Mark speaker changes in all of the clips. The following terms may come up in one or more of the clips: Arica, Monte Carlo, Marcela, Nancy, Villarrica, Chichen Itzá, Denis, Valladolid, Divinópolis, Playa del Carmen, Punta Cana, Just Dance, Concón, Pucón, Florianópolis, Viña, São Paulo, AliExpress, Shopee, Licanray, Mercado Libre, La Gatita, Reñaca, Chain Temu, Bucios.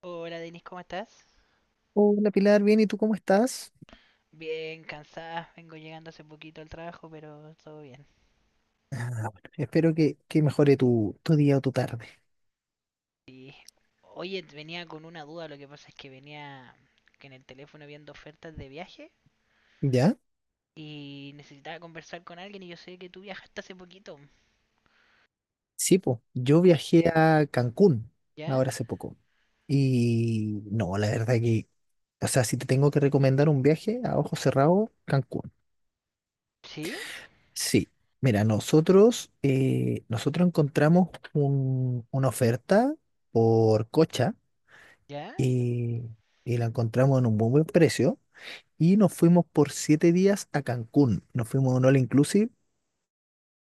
Speaker 1: Hola Denis, ¿cómo estás?
Speaker 2: Hola Pilar, bien, ¿y tú cómo estás?
Speaker 1: Bien, cansada, vengo llegando hace poquito al trabajo, pero todo bien.
Speaker 2: Ah, bueno, espero que mejore tu día o tu tarde.
Speaker 1: Sí. Oye, venía con una duda, lo que pasa es que venía que en el teléfono viendo ofertas de viaje
Speaker 2: ¿Ya?
Speaker 1: y necesitaba conversar con alguien y yo sé que tú viajaste hace poquito.
Speaker 2: Sí, pues,
Speaker 1: ¿Me
Speaker 2: yo
Speaker 1: puedo-
Speaker 2: viajé a Cancún
Speaker 1: ¿Ya?
Speaker 2: ahora hace poco. Y no, la verdad que, o sea, si te tengo que recomendar un viaje a ojo cerrado, Cancún.
Speaker 1: ¿Sí?
Speaker 2: Sí, mira, nosotros encontramos una oferta por Cocha
Speaker 1: ¿Ya?
Speaker 2: y, y la encontramos en un muy buen precio. Y nos fuimos por 7 días a Cancún. Nos fuimos a un all inclusive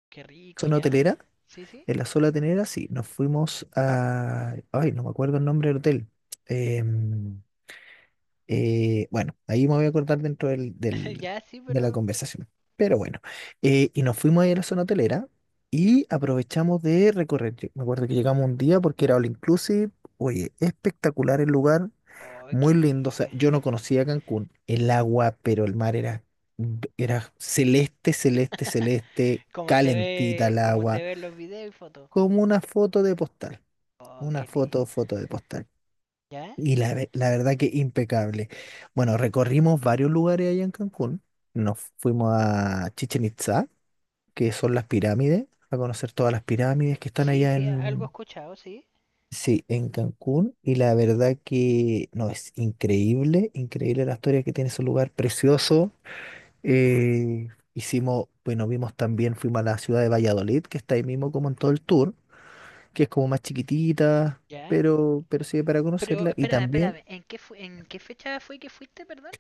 Speaker 1: Qué rico,
Speaker 2: zona
Speaker 1: ¿ya?
Speaker 2: hotelera,
Speaker 1: ¿Sí, sí?
Speaker 2: en la zona hotelera, sí, nos fuimos a, ay, no me acuerdo el nombre del hotel. Em, bueno, ahí me voy a acordar dentro
Speaker 1: Ya, sí,
Speaker 2: de la
Speaker 1: pero...
Speaker 2: conversación. Pero bueno, y nos fuimos ahí a la zona hotelera y aprovechamos de recorrer. Yo me acuerdo que llegamos un día porque era all inclusive. Oye, espectacular el lugar,
Speaker 1: Oh,
Speaker 2: muy
Speaker 1: qué
Speaker 2: lindo. O
Speaker 1: rico.
Speaker 2: sea, yo no conocía Cancún, el agua, pero el mar era celeste, celeste, celeste,
Speaker 1: Como se
Speaker 2: calentita
Speaker 1: ve,
Speaker 2: el
Speaker 1: como se
Speaker 2: agua
Speaker 1: ve en los videos y fotos.
Speaker 2: como una foto de postal,
Speaker 1: Oh,
Speaker 2: una
Speaker 1: qué
Speaker 2: foto,
Speaker 1: lindo.
Speaker 2: foto de postal.
Speaker 1: ¿Ya?
Speaker 2: Y la verdad que impecable. Bueno, recorrimos varios lugares allá en Cancún. Nos fuimos a Chichen Itzá, que son las pirámides, a conocer todas las pirámides que están
Speaker 1: Sí,
Speaker 2: allá
Speaker 1: sí, algo he
Speaker 2: en,
Speaker 1: escuchado, sí.
Speaker 2: sí, en Cancún. Y la verdad que no, es increíble, increíble la historia que tiene ese lugar, precioso. Eh, Hicimos, bueno, vimos también, fuimos a la ciudad de Valladolid, que está ahí mismo como en todo el tour. Que es como más chiquitita,
Speaker 1: Ya.
Speaker 2: pero sirve para
Speaker 1: Pero
Speaker 2: conocerla. Y
Speaker 1: espérame,
Speaker 2: también
Speaker 1: espérame. ¿En qué fecha fue que fuiste, perdón?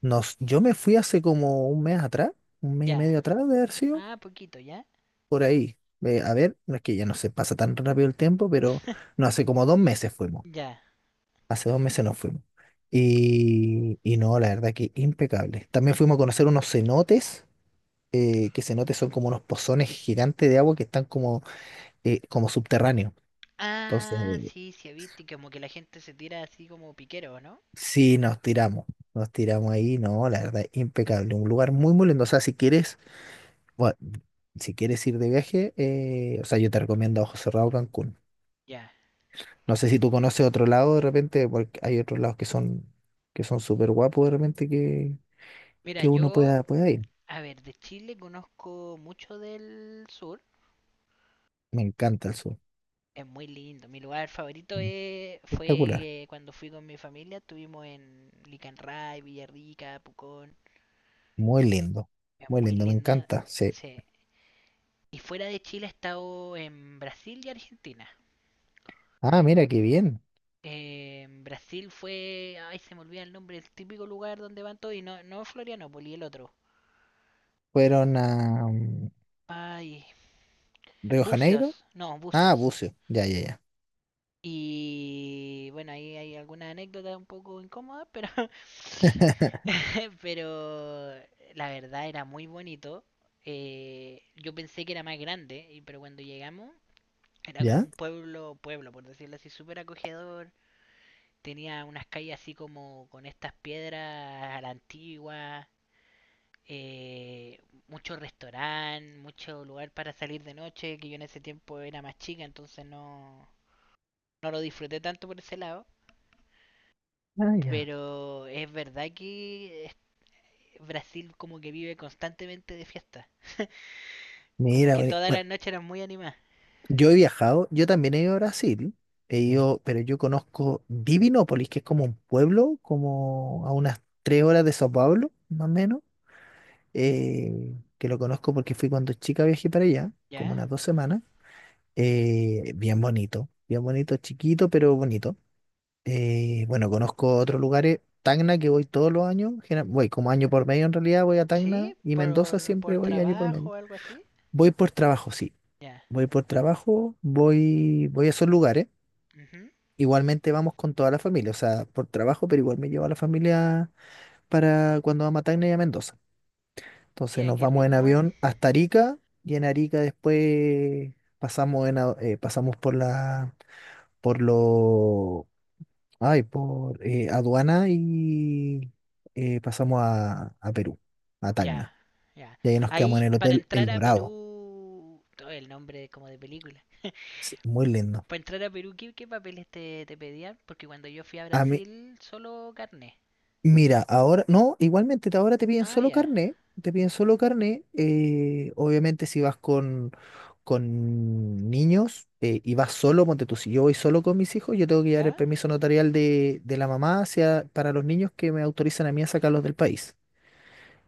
Speaker 2: yo me fui hace como un mes atrás, un mes y
Speaker 1: Ya.
Speaker 2: medio atrás de haber sido,
Speaker 1: Ah, poquito, ya.
Speaker 2: por ahí. A ver, no es que ya no se pasa tan rápido el tiempo, pero no, hace como 2 meses fuimos.
Speaker 1: Ya.
Speaker 2: Hace 2 meses nos fuimos. Y no, la verdad que impecable. También fuimos a conocer unos cenotes, que cenotes son como unos pozones gigantes de agua que están como, como subterráneos. Entonces,
Speaker 1: Ah, sí, sí, viste como que la gente se tira así como piquero, ¿no?
Speaker 2: sí, nos tiramos ahí, no, la verdad, impecable, un lugar muy, muy lindo, o sea, si quieres, bueno, si quieres ir de viaje, o sea, yo te recomiendo a ojos cerrados Cancún.
Speaker 1: Ya.
Speaker 2: No sé si tú conoces otro lado de repente, porque hay otros lados que son súper guapos de repente que,
Speaker 1: Mira,
Speaker 2: que uno
Speaker 1: yo,
Speaker 2: pueda ir.
Speaker 1: a ver, de Chile conozco mucho del sur.
Speaker 2: Me encanta el sur,
Speaker 1: Es muy lindo. Mi lugar favorito
Speaker 2: mm,
Speaker 1: es-
Speaker 2: espectacular,
Speaker 1: fue eh, cuando fui con mi familia. Estuvimos en Licanray, Villarrica, Pucón.
Speaker 2: muy lindo,
Speaker 1: Es
Speaker 2: muy
Speaker 1: muy
Speaker 2: lindo, me
Speaker 1: lindo.
Speaker 2: encanta, sí.
Speaker 1: Sí. Y fuera de Chile he estado en Brasil y Argentina.
Speaker 2: Ah, mira, qué bien,
Speaker 1: En Brasil fue. Ay, se me olvida el nombre, el típico lugar donde van todos. Y no, no Florianópolis, el otro.
Speaker 2: fueron a
Speaker 1: Ay,
Speaker 2: Río Janeiro,
Speaker 1: Bucios. No,
Speaker 2: ah,
Speaker 1: Bucios.
Speaker 2: Bucio, ya, ya, ya.
Speaker 1: Y bueno, ahí hay alguna anécdota un poco incómoda, pero. Pero la verdad era muy bonito. Yo pensé que era más grande, pero cuando llegamos era como
Speaker 2: ¿Ya?
Speaker 1: un pueblo, pueblo, por decirlo así, súper acogedor. Tenía unas calles así como con estas piedras a la antigua, eh, mucho restaurante, mucho lugar para salir de noche, que yo en ese tiempo era más chica, entonces no, no lo disfruté tanto por ese lado.
Speaker 2: Ah, ya.
Speaker 1: Pero es verdad que Brasil como que vive constantemente de fiesta. Como
Speaker 2: Mira,
Speaker 1: que
Speaker 2: bueno,
Speaker 1: todas las
Speaker 2: bueno,
Speaker 1: noches eran muy animadas.
Speaker 2: yo he viajado, yo también he ido a Brasil, he ido, pero yo conozco Divinópolis, que es como un pueblo, como a unas 3 horas de Sao Paulo, más o menos, que lo conozco porque fui cuando chica viajé para allá, como
Speaker 1: ¿Ya?
Speaker 2: unas 2 semanas, bien bonito, chiquito, pero bonito. Bueno, conozco otros lugares, Tacna, que voy todos los años, voy como año por medio en realidad, voy a Tacna
Speaker 1: ¿Sí?
Speaker 2: y Mendoza
Speaker 1: ¿Por,
Speaker 2: siempre
Speaker 1: por
Speaker 2: voy año por
Speaker 1: trabajo
Speaker 2: medio.
Speaker 1: o algo así?
Speaker 2: Voy por trabajo, sí.
Speaker 1: Ya.
Speaker 2: Voy por trabajo, voy a esos lugares.
Speaker 1: Ujú.
Speaker 2: Igualmente vamos con toda la familia, o sea, por trabajo, pero igual me llevo a la familia para cuando vamos a Tacna y a Mendoza. Entonces
Speaker 1: Mira,
Speaker 2: nos
Speaker 1: qué
Speaker 2: vamos
Speaker 1: rico
Speaker 2: en
Speaker 1: igual.
Speaker 2: avión hasta Arica y en Arica después pasamos pasamos por la por lo ay, por aduana y pasamos a Perú, a
Speaker 1: Ya,
Speaker 2: Tacna.
Speaker 1: ya.
Speaker 2: Y ahí nos quedamos en
Speaker 1: Ahí,
Speaker 2: el
Speaker 1: para
Speaker 2: Hotel El
Speaker 1: entrar a
Speaker 2: Dorado.
Speaker 1: Perú, todo el nombre como de película.
Speaker 2: Sí, muy lindo.
Speaker 1: Para entrar a Perú, ¿qué papeles te pedían? Porque cuando yo fui a Brasil, solo carne.
Speaker 2: Mira, ahora, no, igualmente ahora te piden
Speaker 1: Ah,
Speaker 2: solo
Speaker 1: ya.
Speaker 2: carné, te piden solo carné, obviamente si vas con niños y vas solo, ponte tú, si yo voy solo con mis hijos, yo tengo que llevar el
Speaker 1: ¿Ya?
Speaker 2: permiso notarial de la mamá hacia, para los niños que me autorizan a mí a sacarlos del país,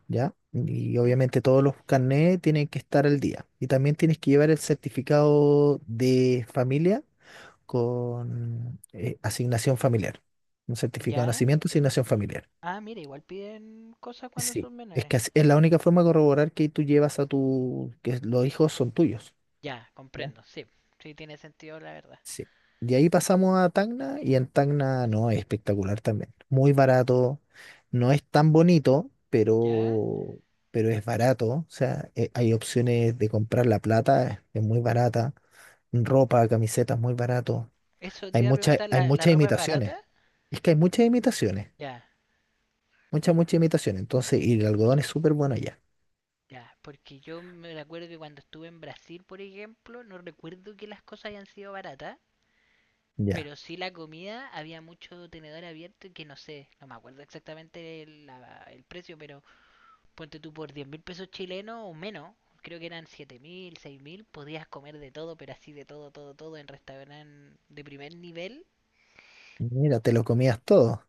Speaker 2: ¿ya? Y
Speaker 1: ¿Mm?
Speaker 2: obviamente todos los carnés tienen que estar al día. Y también tienes que llevar el certificado de familia con asignación familiar, un certificado de
Speaker 1: ¿Ya?
Speaker 2: nacimiento, asignación familiar.
Speaker 1: Ah, mira, igual piden cosas cuando
Speaker 2: Sí,
Speaker 1: son
Speaker 2: es
Speaker 1: menores.
Speaker 2: que es la única forma de corroborar que tú llevas que los hijos son tuyos.
Speaker 1: Ya,
Speaker 2: ¿Ya?
Speaker 1: comprendo, sí. Sí, tiene sentido, la verdad.
Speaker 2: Sí. De ahí pasamos a Tacna y en Tacna no, es espectacular también. Muy barato, no es tan bonito,
Speaker 1: ¿Ya?
Speaker 2: pero es barato. O sea, hay opciones de comprar la plata, es muy barata. Ropa, camisetas, muy barato.
Speaker 1: Eso te iba a preguntar,
Speaker 2: Hay
Speaker 1: ¿la
Speaker 2: muchas
Speaker 1: ropa es barata?
Speaker 2: imitaciones. Es que hay muchas imitaciones,
Speaker 1: Ya,
Speaker 2: muchas, muchas imitaciones. Entonces, y el algodón es súper bueno allá.
Speaker 1: ya. Porque yo me acuerdo que cuando estuve en Brasil, por ejemplo, no recuerdo que las cosas hayan sido baratas.
Speaker 2: Ya.
Speaker 1: Pero sí la comida, había mucho tenedor abierto y que no sé, no me acuerdo exactamente el precio, pero ponte tú por 10.000 pesos chilenos o menos, creo que eran 7.000, 6.000, podías comer de todo, pero así de todo, todo, todo en restaurantes de primer nivel.
Speaker 2: Mira, te lo comías todo.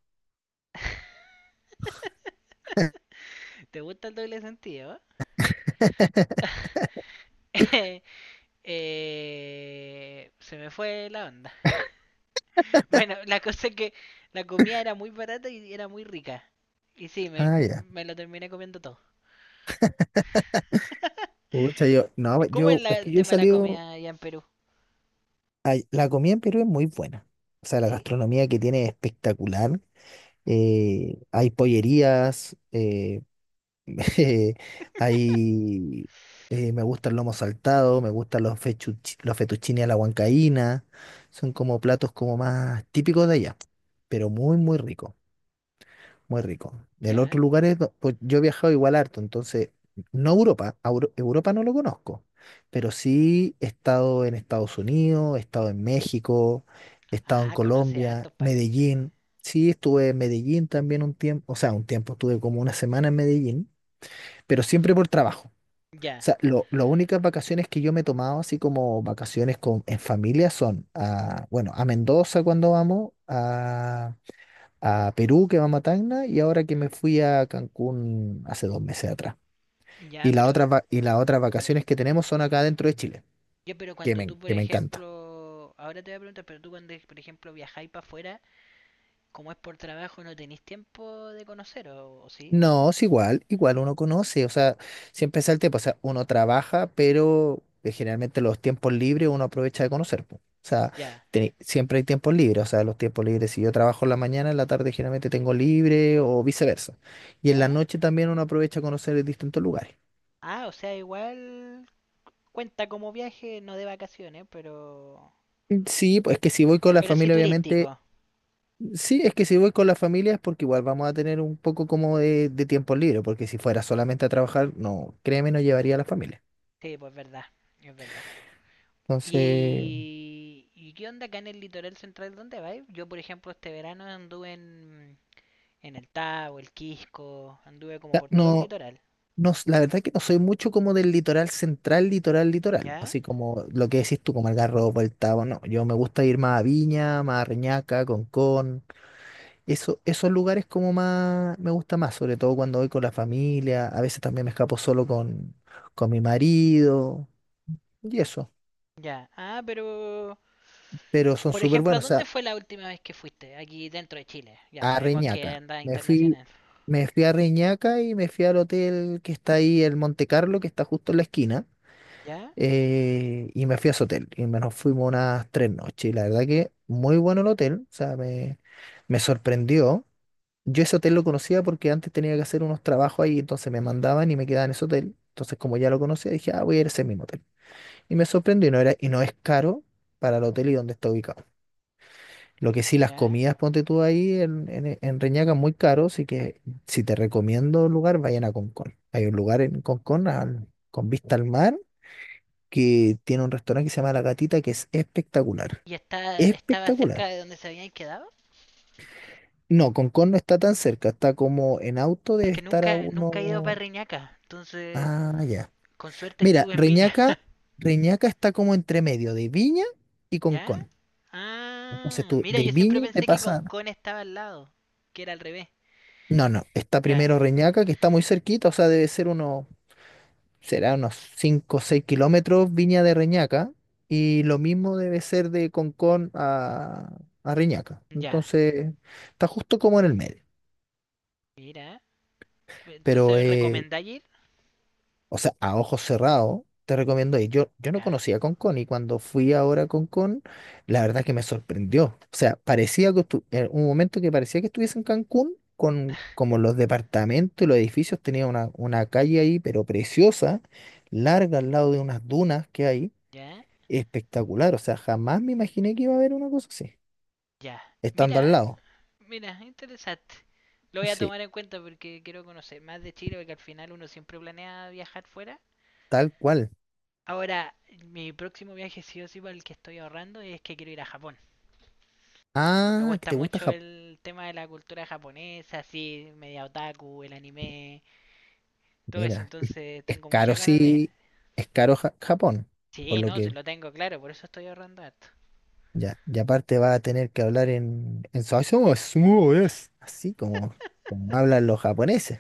Speaker 1: ¿Te gusta el doble sentido, eh? Se me fue la onda. Bueno, la cosa es que la comida era muy barata y era muy rica. Y sí, me,
Speaker 2: Ah, ya.
Speaker 1: me lo terminé comiendo todo.
Speaker 2: Pucha, yo, no, pues,
Speaker 1: ¿Cómo es
Speaker 2: yo, es
Speaker 1: el
Speaker 2: que yo he
Speaker 1: tema de la
Speaker 2: salido,
Speaker 1: comida allá en Perú?
Speaker 2: la comida en Perú es muy buena. O sea, la
Speaker 1: ¿Sí?
Speaker 2: gastronomía que tiene es espectacular. Hay pollerías, eh, hay, me gusta el lomo saltado, me gustan los fettuccine a la huancaína. Son como platos como más típicos de allá, pero muy, muy ricos. Muy rico. El otro
Speaker 1: ¿Ya?
Speaker 2: lugar pues yo he viajado igual harto, entonces, no Europa, a Europa no lo conozco, pero sí he estado en Estados Unidos, he estado en México, he estado en
Speaker 1: Ah, conoce a
Speaker 2: Colombia,
Speaker 1: hartos países.
Speaker 2: Medellín, sí estuve en Medellín también un tiempo, o sea, un tiempo estuve como una semana en Medellín, pero siempre por trabajo. O
Speaker 1: Ya.
Speaker 2: sea, las únicas vacaciones que yo me he tomado, así como vacaciones en familia, son a, bueno, a Mendoza cuando vamos, a Perú, que va a Matacna, y ahora que me
Speaker 1: ¿Mm?
Speaker 2: fui a Cancún hace 2 meses atrás.
Speaker 1: Ya,
Speaker 2: Y las
Speaker 1: pero,
Speaker 2: otras las otras vacaciones que tenemos son acá dentro de Chile, que
Speaker 1: cuando
Speaker 2: me,
Speaker 1: tú, por
Speaker 2: que me encanta.
Speaker 1: ejemplo, ahora te voy a preguntar, pero tú cuando, por ejemplo, viajáis para afuera, como es por trabajo, no tenéis tiempo de conocer, ¿o sí?
Speaker 2: No, es igual, igual uno conoce, o sea, siempre es el tiempo, o sea, uno trabaja, pero generalmente los tiempos libres uno aprovecha de conocer, po. O sea,
Speaker 1: Ya,
Speaker 2: siempre hay tiempos libres, o sea, los tiempos libres, si yo trabajo en la mañana, en la tarde generalmente tengo libre o viceversa. Y en la
Speaker 1: ya.
Speaker 2: noche también uno aprovecha a conocer distintos lugares.
Speaker 1: Ah, o sea, igual cuenta como viaje, no de vacaciones, pero,
Speaker 2: Mm, sí, pues es que si voy con la
Speaker 1: pero sí
Speaker 2: familia,
Speaker 1: turístico.
Speaker 2: obviamente. Sí, es que si voy con la familia es porque igual vamos a tener un poco como de tiempo libre, porque si fuera solamente a trabajar, no, créeme, no llevaría a la familia.
Speaker 1: Sí, pues verdad, es verdad.
Speaker 2: Entonces,
Speaker 1: ¿Y qué onda acá en el litoral central? ¿Dónde vais? Yo, por ejemplo, este verano anduve en el Tabo, el Quisco, anduve como
Speaker 2: ya,
Speaker 1: por todo el
Speaker 2: no,
Speaker 1: litoral.
Speaker 2: no, la verdad que no soy mucho como del litoral central, litoral, litoral,
Speaker 1: ¿Ya?
Speaker 2: así como lo que decís tú, como el Garrobo, el Tabo, no, yo me gusta ir más a Viña, más a Reñaca, Concón, eso, esos lugares como más, me gusta más, sobre todo cuando voy con la familia, a veces también me escapo solo con mi marido y eso,
Speaker 1: Ya, ah, pero,
Speaker 2: pero son
Speaker 1: por
Speaker 2: súper
Speaker 1: ejemplo, ¿a
Speaker 2: buenos.
Speaker 1: dónde fue la última vez que fuiste? Aquí dentro de Chile. Ya
Speaker 2: A
Speaker 1: sabemos que
Speaker 2: Reñaca.
Speaker 1: andas internacional.
Speaker 2: Me fui a Reñaca y me fui al hotel que está ahí, el Monte Carlo, que está justo en la esquina.
Speaker 1: ¿Ya?
Speaker 2: Y me fui a ese hotel. Y me nos fuimos unas 3 noches. Y la verdad que muy bueno el hotel. O sea, me sorprendió. Yo ese hotel lo conocía porque antes tenía que hacer unos trabajos ahí, entonces me mandaban y me quedaba en ese hotel. Entonces, como ya lo conocía, dije, ah, voy a ir a ese mismo hotel. Y me sorprendió y no era, y no es caro para el hotel y donde está ubicado. Lo que sí, las
Speaker 1: ¿Ya?
Speaker 2: comidas, ponte tú ahí en Reñaca, muy caro, así que si te recomiendo un lugar, vayan a Concón. Hay un lugar en Concón con vista al mar que tiene un restaurante que se llama La Gatita que es espectacular.
Speaker 1: ¿Y estaba cerca
Speaker 2: Espectacular.
Speaker 1: de donde se habían quedado?
Speaker 2: No, Concón no está tan cerca, está como en auto
Speaker 1: Es
Speaker 2: debe
Speaker 1: que
Speaker 2: estar a
Speaker 1: nunca, nunca he ido para
Speaker 2: uno.
Speaker 1: Reñaca, entonces,
Speaker 2: Ah, ya.
Speaker 1: con suerte
Speaker 2: Mira,
Speaker 1: estuve en Viña.
Speaker 2: Reñaca está como entre medio de Viña y
Speaker 1: ¿Ya?
Speaker 2: Concón. Entonces
Speaker 1: Ah,
Speaker 2: tú
Speaker 1: mira,
Speaker 2: de
Speaker 1: yo siempre
Speaker 2: Viña te
Speaker 1: pensé que
Speaker 2: pasas.
Speaker 1: Concón estaba al lado, que era al revés.
Speaker 2: No, no, está
Speaker 1: Ya,
Speaker 2: primero Reñaca, que está muy cerquita, o sea, debe ser unos será unos 5 o 6 kilómetros Viña de Reñaca y lo mismo debe ser de Concón a Reñaca.
Speaker 1: ya,
Speaker 2: Entonces, está justo como en el medio.
Speaker 1: mira.
Speaker 2: Pero,
Speaker 1: Entonces, ¿recomendáis ir?
Speaker 2: o sea, a ojos cerrados, te recomiendo ir. Yo no
Speaker 1: Ya,
Speaker 2: conocía Concón y cuando fui ahora a Concón, la verdad que me sorprendió. O sea, en un momento que parecía que estuviese en Cancún. Como los departamentos y los edificios, tenía una calle ahí, pero preciosa, larga al lado de unas dunas que hay.
Speaker 1: ya,
Speaker 2: Espectacular, o sea, jamás me imaginé que iba a haber una cosa así,
Speaker 1: ya.
Speaker 2: estando
Speaker 1: Mira,
Speaker 2: al lado.
Speaker 1: Mira, interesante. Lo voy a
Speaker 2: Sí,
Speaker 1: tomar en cuenta porque quiero conocer más de Chile, porque al final uno siempre planea viajar fuera.
Speaker 2: tal cual.
Speaker 1: Ahora, mi próximo viaje sí o sí para el que estoy ahorrando es que quiero ir a Japón. Me
Speaker 2: Ah, que
Speaker 1: gusta
Speaker 2: te gusta
Speaker 1: mucho
Speaker 2: Japón.
Speaker 1: el tema de la cultura japonesa, así, media otaku, el anime, todo eso,
Speaker 2: Mira,
Speaker 1: entonces
Speaker 2: es
Speaker 1: tengo
Speaker 2: caro,
Speaker 1: muchas ganas de ir.
Speaker 2: sí, es caro Japón, por
Speaker 1: Sí,
Speaker 2: lo
Speaker 1: no, sí,
Speaker 2: que
Speaker 1: lo tengo claro, por eso estoy ahorrando esto.
Speaker 2: ya, y aparte va a tener que hablar en su eso es "Sumo es", así como hablan los japoneses.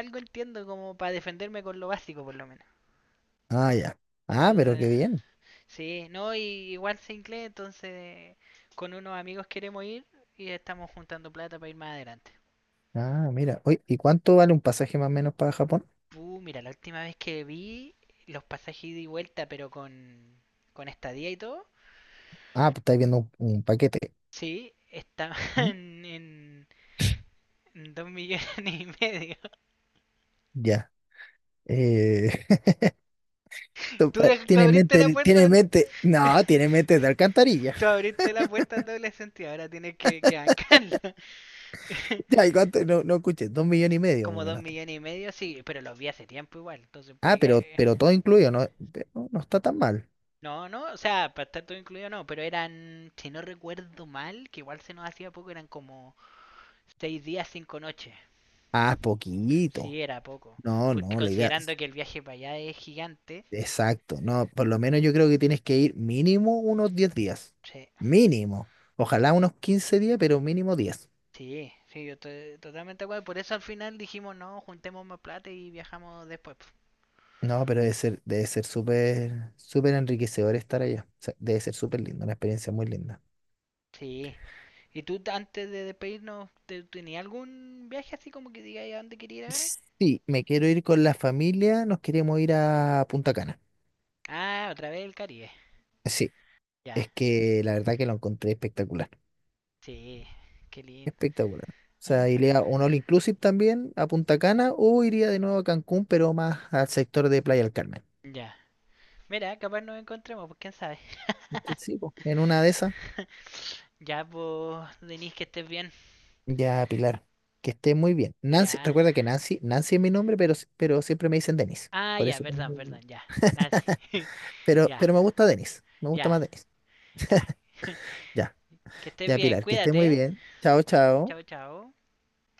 Speaker 1: Algo entiendo como para defenderme con lo básico por lo menos.
Speaker 2: Ah, ya. Ah, pero qué
Speaker 1: Entonces,
Speaker 2: bien.
Speaker 1: sí, no, y igual se incluye, entonces con unos amigos queremos ir y estamos juntando plata para ir más adelante.
Speaker 2: Ah, mira. Oye, ¿y cuánto vale un pasaje más o menos para Japón?
Speaker 1: Mira, la última vez que vi los pasajes ida y vuelta, pero con estadía y todo,
Speaker 2: Ah, pues estáis viendo un paquete.
Speaker 1: sí, estaban
Speaker 2: ¿Mm?
Speaker 1: en 2,5 millones.
Speaker 2: Ya. Eh,
Speaker 1: Tú, dej- tú abriste la puerta,
Speaker 2: Tiene mente, no, tiene mente de alcantarilla.
Speaker 1: tú abriste la puerta al doble sentido, ahora tienes que bancarlo.
Speaker 2: Ya, ¿y cuánto? No, no escuché, 2,5 millones más o
Speaker 1: Como dos
Speaker 2: menos.
Speaker 1: millones y medio, sí, pero los vi hace tiempo igual, entonces
Speaker 2: Ah,
Speaker 1: puede
Speaker 2: pero,
Speaker 1: que.
Speaker 2: pero todo incluido, no, no, no está tan mal.
Speaker 1: No, no, o sea, para estar todo incluido no, pero eran, si no recuerdo mal, que igual se nos hacía poco, eran como 6 días, 5 noches.
Speaker 2: Ah, poquito.
Speaker 1: Sí, era poco.
Speaker 2: No,
Speaker 1: Porque
Speaker 2: no, la idea,
Speaker 1: considerando que el viaje para allá es gigante,
Speaker 2: exacto. No, por lo menos yo creo que tienes que ir mínimo unos 10 días.
Speaker 1: sí,
Speaker 2: Mínimo. Ojalá unos 15 días, pero mínimo 10.
Speaker 1: sí, sí, yo estoy totalmente de acuerdo. Por eso al final dijimos, no, juntemos más plata y viajamos después.
Speaker 2: No, pero debe ser súper, súper enriquecedor estar allá. O sea, debe ser súper lindo, una experiencia muy linda.
Speaker 1: Sí. ¿Y tú antes de despedirnos, tenías algún viaje así como que digáis a dónde quería ir ahora?
Speaker 2: Sí, me quiero ir con la familia, nos queremos ir a Punta Cana.
Speaker 1: Ah, otra vez el Caribe.
Speaker 2: Sí,
Speaker 1: Ya,
Speaker 2: es que la verdad que lo encontré espectacular,
Speaker 1: sí, qué lindo.
Speaker 2: espectacular. O sea,
Speaker 1: Ajá.
Speaker 2: iría a un all inclusive también a Punta Cana o iría de nuevo a Cancún, pero más al sector de Playa del Carmen.
Speaker 1: Ya. Mira, capaz nos encontremos, pues quién sabe.
Speaker 2: Sí, sí, po. En una de esas,
Speaker 1: Ya, pues, Denise, que estés bien.
Speaker 2: ya Pilar, que esté muy bien.
Speaker 1: Ya.
Speaker 2: Recuerda que Nancy es mi nombre, pero, si- pero siempre me dicen Denis.
Speaker 1: Ah,
Speaker 2: Por
Speaker 1: ya,
Speaker 2: eso, tengo-.
Speaker 1: perdón, perdón, ya. Nancy.
Speaker 2: pero,
Speaker 1: Ya,
Speaker 2: pero me gusta Denis, me gusta
Speaker 1: ya,
Speaker 2: más Denis.
Speaker 1: ya.
Speaker 2: Ya,
Speaker 1: Que estés
Speaker 2: ya
Speaker 1: bien,
Speaker 2: Pilar, que esté muy
Speaker 1: cuídate.
Speaker 2: bien. Chao, chao.
Speaker 1: Chao, chao.